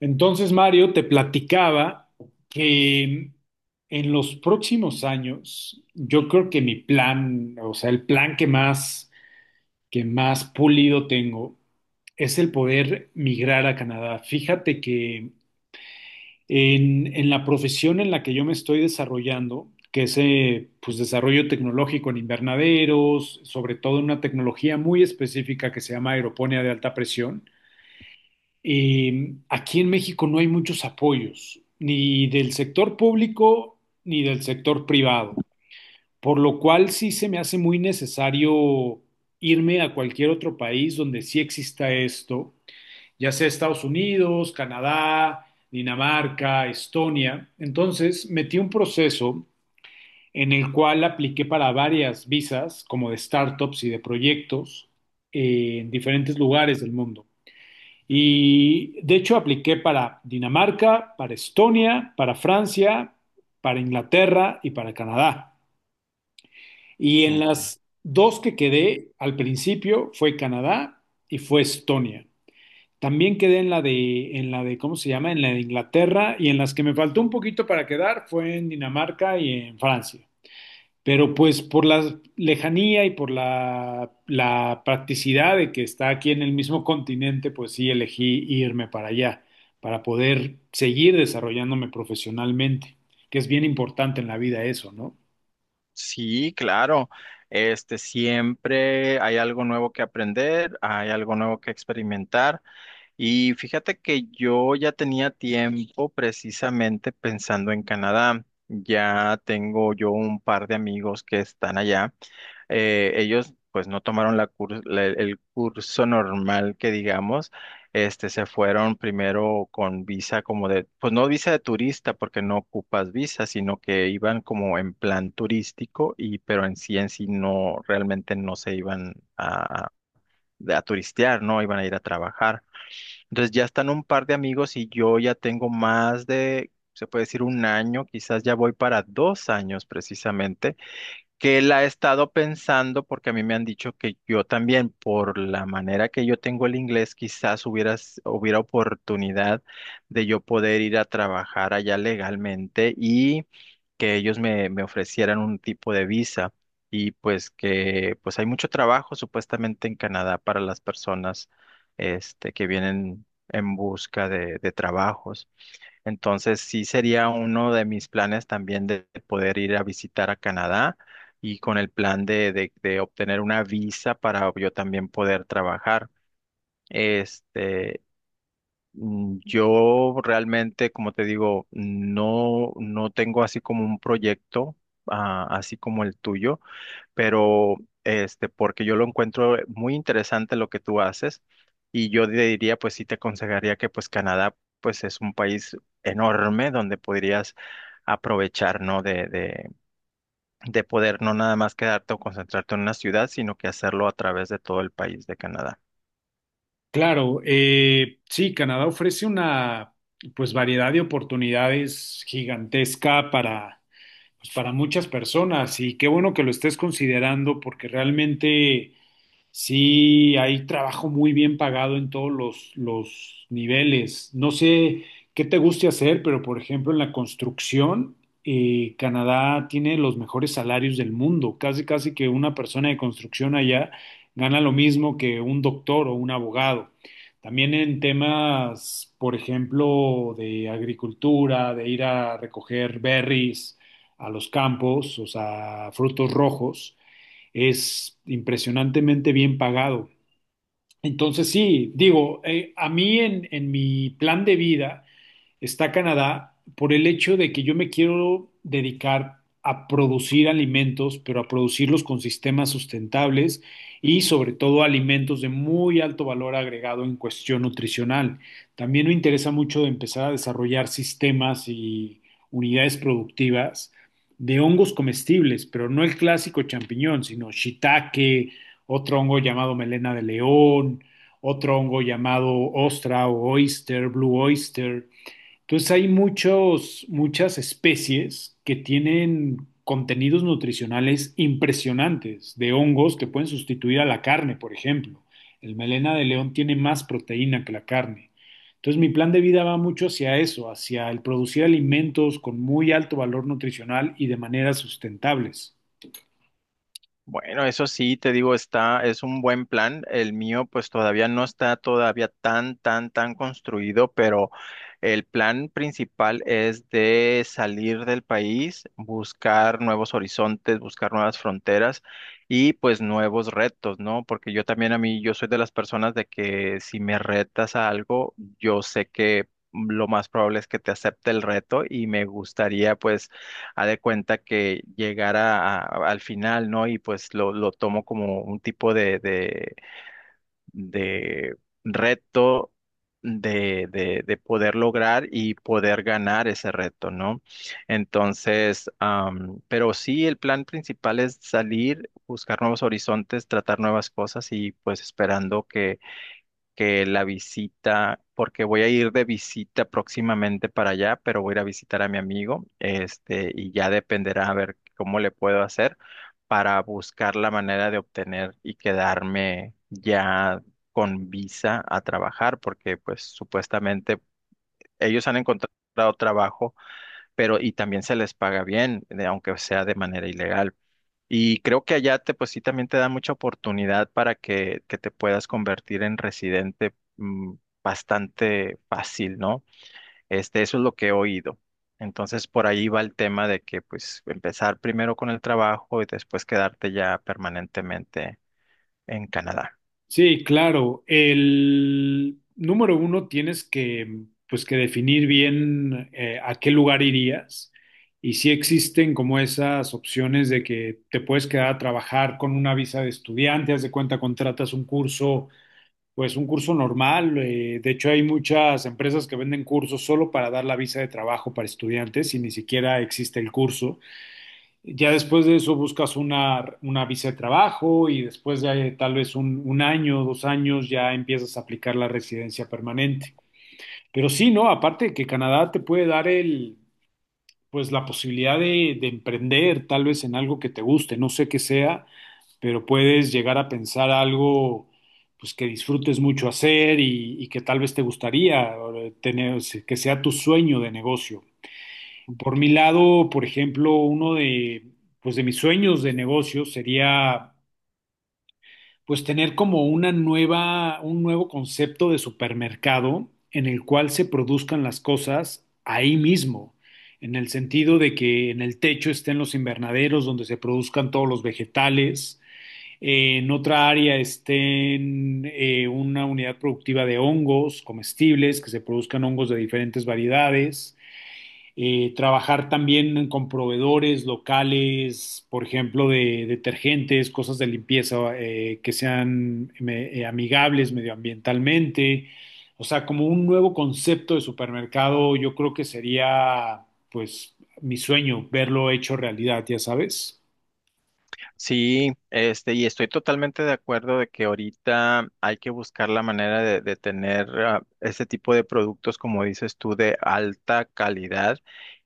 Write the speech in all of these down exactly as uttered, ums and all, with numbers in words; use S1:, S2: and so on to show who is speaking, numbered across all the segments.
S1: Entonces, Mario, te platicaba que en los próximos años, yo creo que mi plan, o sea, el plan que más, que más pulido tengo es el poder migrar a Canadá. Fíjate que en, en la profesión en la que yo me estoy desarrollando, que es eh, pues, desarrollo tecnológico en invernaderos, sobre todo en una tecnología muy específica que se llama aeroponía de alta presión. Eh, aquí en México no hay muchos apoyos, ni del sector público ni del sector privado, por lo cual sí se me hace muy necesario irme a cualquier otro país donde sí exista esto, ya sea Estados Unidos, Canadá, Dinamarca, Estonia. Entonces metí un proceso en el cual apliqué para varias visas, como de startups y de proyectos, eh, en diferentes lugares del mundo. Y de hecho apliqué para Dinamarca, para Estonia, para Francia, para Inglaterra y para Canadá. Y en
S2: Mm,
S1: las dos que quedé al principio fue Canadá y fue Estonia. También quedé en la de, en la de, ¿cómo se llama? En la de Inglaterra, y en las que me faltó un poquito para quedar fue en Dinamarca y en Francia. Pero pues por la lejanía y por la, la practicidad de que está aquí en el mismo continente, pues sí elegí irme para allá, para poder seguir desarrollándome profesionalmente, que es bien importante en la vida eso, ¿no?
S2: sí, claro. Este, siempre hay algo nuevo que aprender, hay algo nuevo que experimentar. Y fíjate que yo ya tenía tiempo precisamente pensando en Canadá. Ya tengo yo un par de amigos que están allá. Eh, ellos pues no tomaron la cur- la- el curso normal que digamos, este, se fueron primero con visa como de, pues no visa de turista porque no ocupas visa, sino que iban como en plan turístico y pero en sí en sí no, realmente no se iban a, a a turistear, no iban a ir a trabajar. Entonces ya están un par de amigos y yo ya tengo más de, se puede decir un año, quizás ya voy para dos años precisamente que la he estado pensando porque a mí me han dicho que yo también, por la manera que yo tengo el inglés, quizás hubieras, hubiera oportunidad de yo poder ir a trabajar allá legalmente y que ellos me, me ofrecieran un tipo de visa. Y pues que pues hay mucho trabajo supuestamente en Canadá para las personas este, que vienen en busca de, de trabajos. Entonces sí sería uno de mis planes también de poder ir a visitar a Canadá y con el plan de, de, de obtener una visa para yo también poder trabajar. Este, mm, yo realmente, como te digo, no, no tengo así como un proyecto, ah, así como el tuyo, pero este, porque yo lo encuentro eh, muy interesante lo que tú haces y yo te diría, pues sí te aconsejaría que pues Canadá pues es un país enorme donde podrías aprovechar, ¿no? De, de, de poder no nada más quedarte o concentrarte en una ciudad, sino que hacerlo a través de todo el país de Canadá.
S1: Claro, eh, sí, Canadá ofrece una pues variedad de oportunidades gigantesca para, pues, para muchas personas, y qué bueno que lo estés considerando porque realmente sí, hay trabajo muy bien pagado en todos los, los niveles. No sé qué te guste hacer, pero por ejemplo en la construcción, eh, Canadá tiene los mejores salarios del mundo. Casi, casi que una persona de construcción allá gana lo mismo que un doctor o un abogado. También en temas, por ejemplo, de agricultura, de ir a recoger berries a los campos, o sea, frutos rojos, es impresionantemente bien pagado. Entonces sí, digo, eh, a mí en, en mi plan de vida está Canadá por el hecho de que yo me quiero dedicar a producir alimentos, pero a producirlos con sistemas sustentables, y sobre todo alimentos de muy alto valor agregado en cuestión nutricional. También me interesa mucho empezar a desarrollar sistemas y unidades productivas de hongos comestibles, pero no el clásico champiñón, sino shiitake, otro hongo llamado melena de león, otro hongo llamado ostra o oyster, blue oyster. Entonces hay muchos, muchas especies que tienen contenidos nutricionales impresionantes, de hongos que pueden sustituir a la carne, por ejemplo. El melena de león tiene más proteína que la carne. Entonces mi plan de vida va mucho hacia eso, hacia el producir alimentos con muy alto valor nutricional y de maneras sustentables.
S2: Bueno, eso sí, te digo, está, es un buen plan. El mío, pues todavía no está todavía tan, tan, tan construido, pero el plan principal es de salir del país, buscar nuevos horizontes, buscar nuevas fronteras y pues nuevos retos, ¿no? Porque yo también a mí, yo soy de las personas de que si me retas a algo, yo sé que lo más probable es que te acepte el reto y me gustaría pues ha de cuenta que llegara a- a- al final, ¿no? Y pues lo, lo tomo como un tipo de, de, de reto de, de, de poder lograr y poder ganar ese reto, ¿no? Entonces, am, pero sí, el plan principal es salir, buscar nuevos horizontes, tratar nuevas cosas y pues esperando que la visita, porque voy a ir de visita próximamente para allá, pero voy a ir a visitar a mi amigo, este, y ya dependerá a ver cómo le puedo hacer para buscar la manera de obtener y quedarme ya con visa a trabajar, porque pues supuestamente ellos han encontrado trabajo, pero y también se les paga bien, de- aunque sea de manera ilegal. Y creo que allá te, pues sí, también te da mucha oportunidad para que, que te puedas convertir en residente mm, bastante fácil, ¿no? Este, eso es lo que he oído. Entonces, por ahí va el tema de que, pues, empezar primero con el trabajo y después quedarte ya permanentemente en Canadá.
S1: Sí, claro. El número uno, tienes que, pues, que definir bien eh, a qué lugar irías, y si existen como esas opciones de que te puedes quedar a trabajar con una visa de estudiante, haz de cuenta contratas un curso, pues un curso normal. Eh, de hecho, hay muchas empresas que venden cursos solo para dar la visa de trabajo para estudiantes y ni siquiera existe el curso. Ya después de eso buscas una, una visa de trabajo, y después de tal vez un, un año, dos años, ya empiezas a aplicar la residencia permanente. Pero sí, ¿no? Aparte de que Canadá te puede dar el, pues la posibilidad de, de emprender tal vez en algo que te guste, no sé qué sea, pero puedes llegar a pensar algo, pues, que disfrutes mucho hacer, y, y que tal vez te gustaría eh, tener, que sea tu sueño de negocio. Por mi lado, por ejemplo, uno de, pues de mis sueños de negocio sería pues tener como una nueva, un nuevo concepto de supermercado, en el cual se produzcan las cosas ahí mismo, en el sentido de que en el techo estén los invernaderos donde se produzcan todos los vegetales, eh, en otra área estén eh, una unidad productiva de hongos comestibles, que se produzcan hongos de diferentes variedades, eh, trabajar también con proveedores locales, por ejemplo, de detergentes, cosas de limpieza, eh, que sean me- eh, amigables medioambientalmente. O sea, como un nuevo concepto de supermercado, yo creo que sería, pues, mi sueño, verlo hecho realidad, ya sabes.
S2: Sí, este, y estoy totalmente de acuerdo de que ahorita hay que buscar la manera de, de tener ah, este tipo de productos, como dices tú, de alta calidad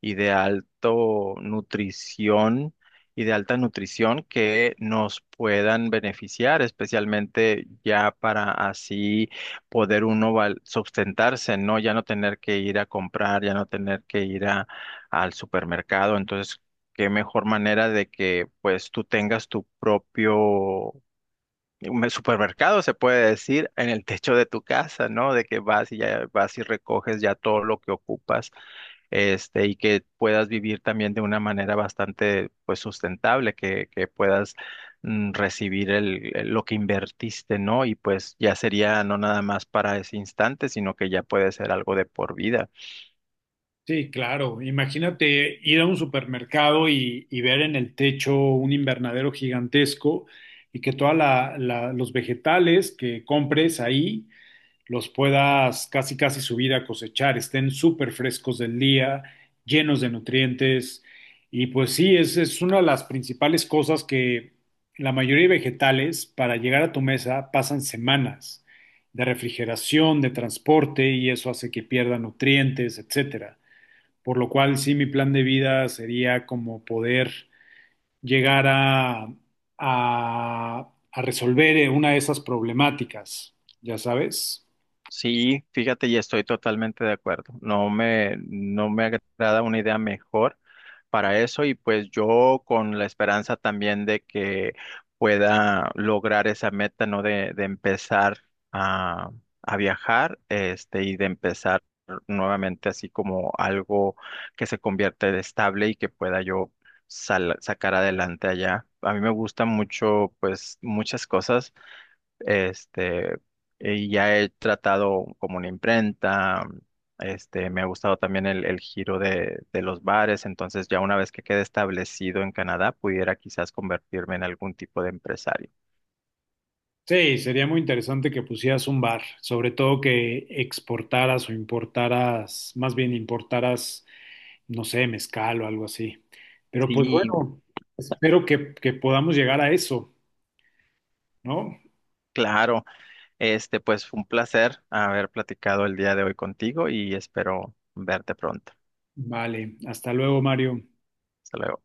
S2: y de alto nutrición y de alta nutrición que nos puedan beneficiar, especialmente ya para así poder uno val- sustentarse, ¿no? Ya no tener que ir a comprar, ya no tener que ir a al supermercado. Entonces, qué mejor manera de que pues tú tengas tu propio un supermercado, se puede decir, en el techo de tu casa, ¿no? De que vas y ya vas y recoges ya todo lo que ocupas, este, y que puedas vivir también de una manera bastante pues sustentable, que, que puedas mm, recibir el, el- lo que invertiste, ¿no? Y pues ya sería no nada más para ese instante, sino que ya puede ser algo de por vida.
S1: Sí, claro. Imagínate ir a un supermercado y, y ver en el techo un invernadero gigantesco, y que todos los vegetales que compres ahí los puedas casi casi subir a cosechar, estén súper frescos del día, llenos de nutrientes. Y pues sí, es, es una de las principales cosas, que la mayoría de vegetales para llegar a tu mesa pasan semanas de refrigeración, de transporte, y eso hace que pierda nutrientes, etcétera. Por lo cual sí, mi plan de vida sería como poder llegar a, a, a resolver eh, una de esas problemáticas, ya sabes.
S2: Sí, fíjate, y estoy totalmente de acuerdo. No me, no me agrada una idea mejor para eso y pues yo con la esperanza también de que pueda lograr esa meta, ¿no? De, de empezar a, a viajar, este, y de empezar nuevamente así como algo que se convierta en estable y que pueda yo sal- sacar adelante allá. A mí me gusta mucho, pues, muchas cosas. Este, y ya he tratado como una imprenta, este, me ha gustado también el, el giro de, de los bares, entonces ya una vez que quede establecido en Canadá, pudiera quizás convertirme en algún tipo de empresario.
S1: Sí, sería muy interesante que pusieras un bar, sobre todo que exportaras o importaras, más bien importaras, no sé, mezcal o algo así. Pero pues
S2: Sí,
S1: bueno, espero que, que podamos llegar a eso, ¿no?
S2: claro, este, pues fue un placer haber platicado el día de hoy contigo y espero verte pronto.
S1: Vale, hasta luego, Mario.
S2: Hasta luego.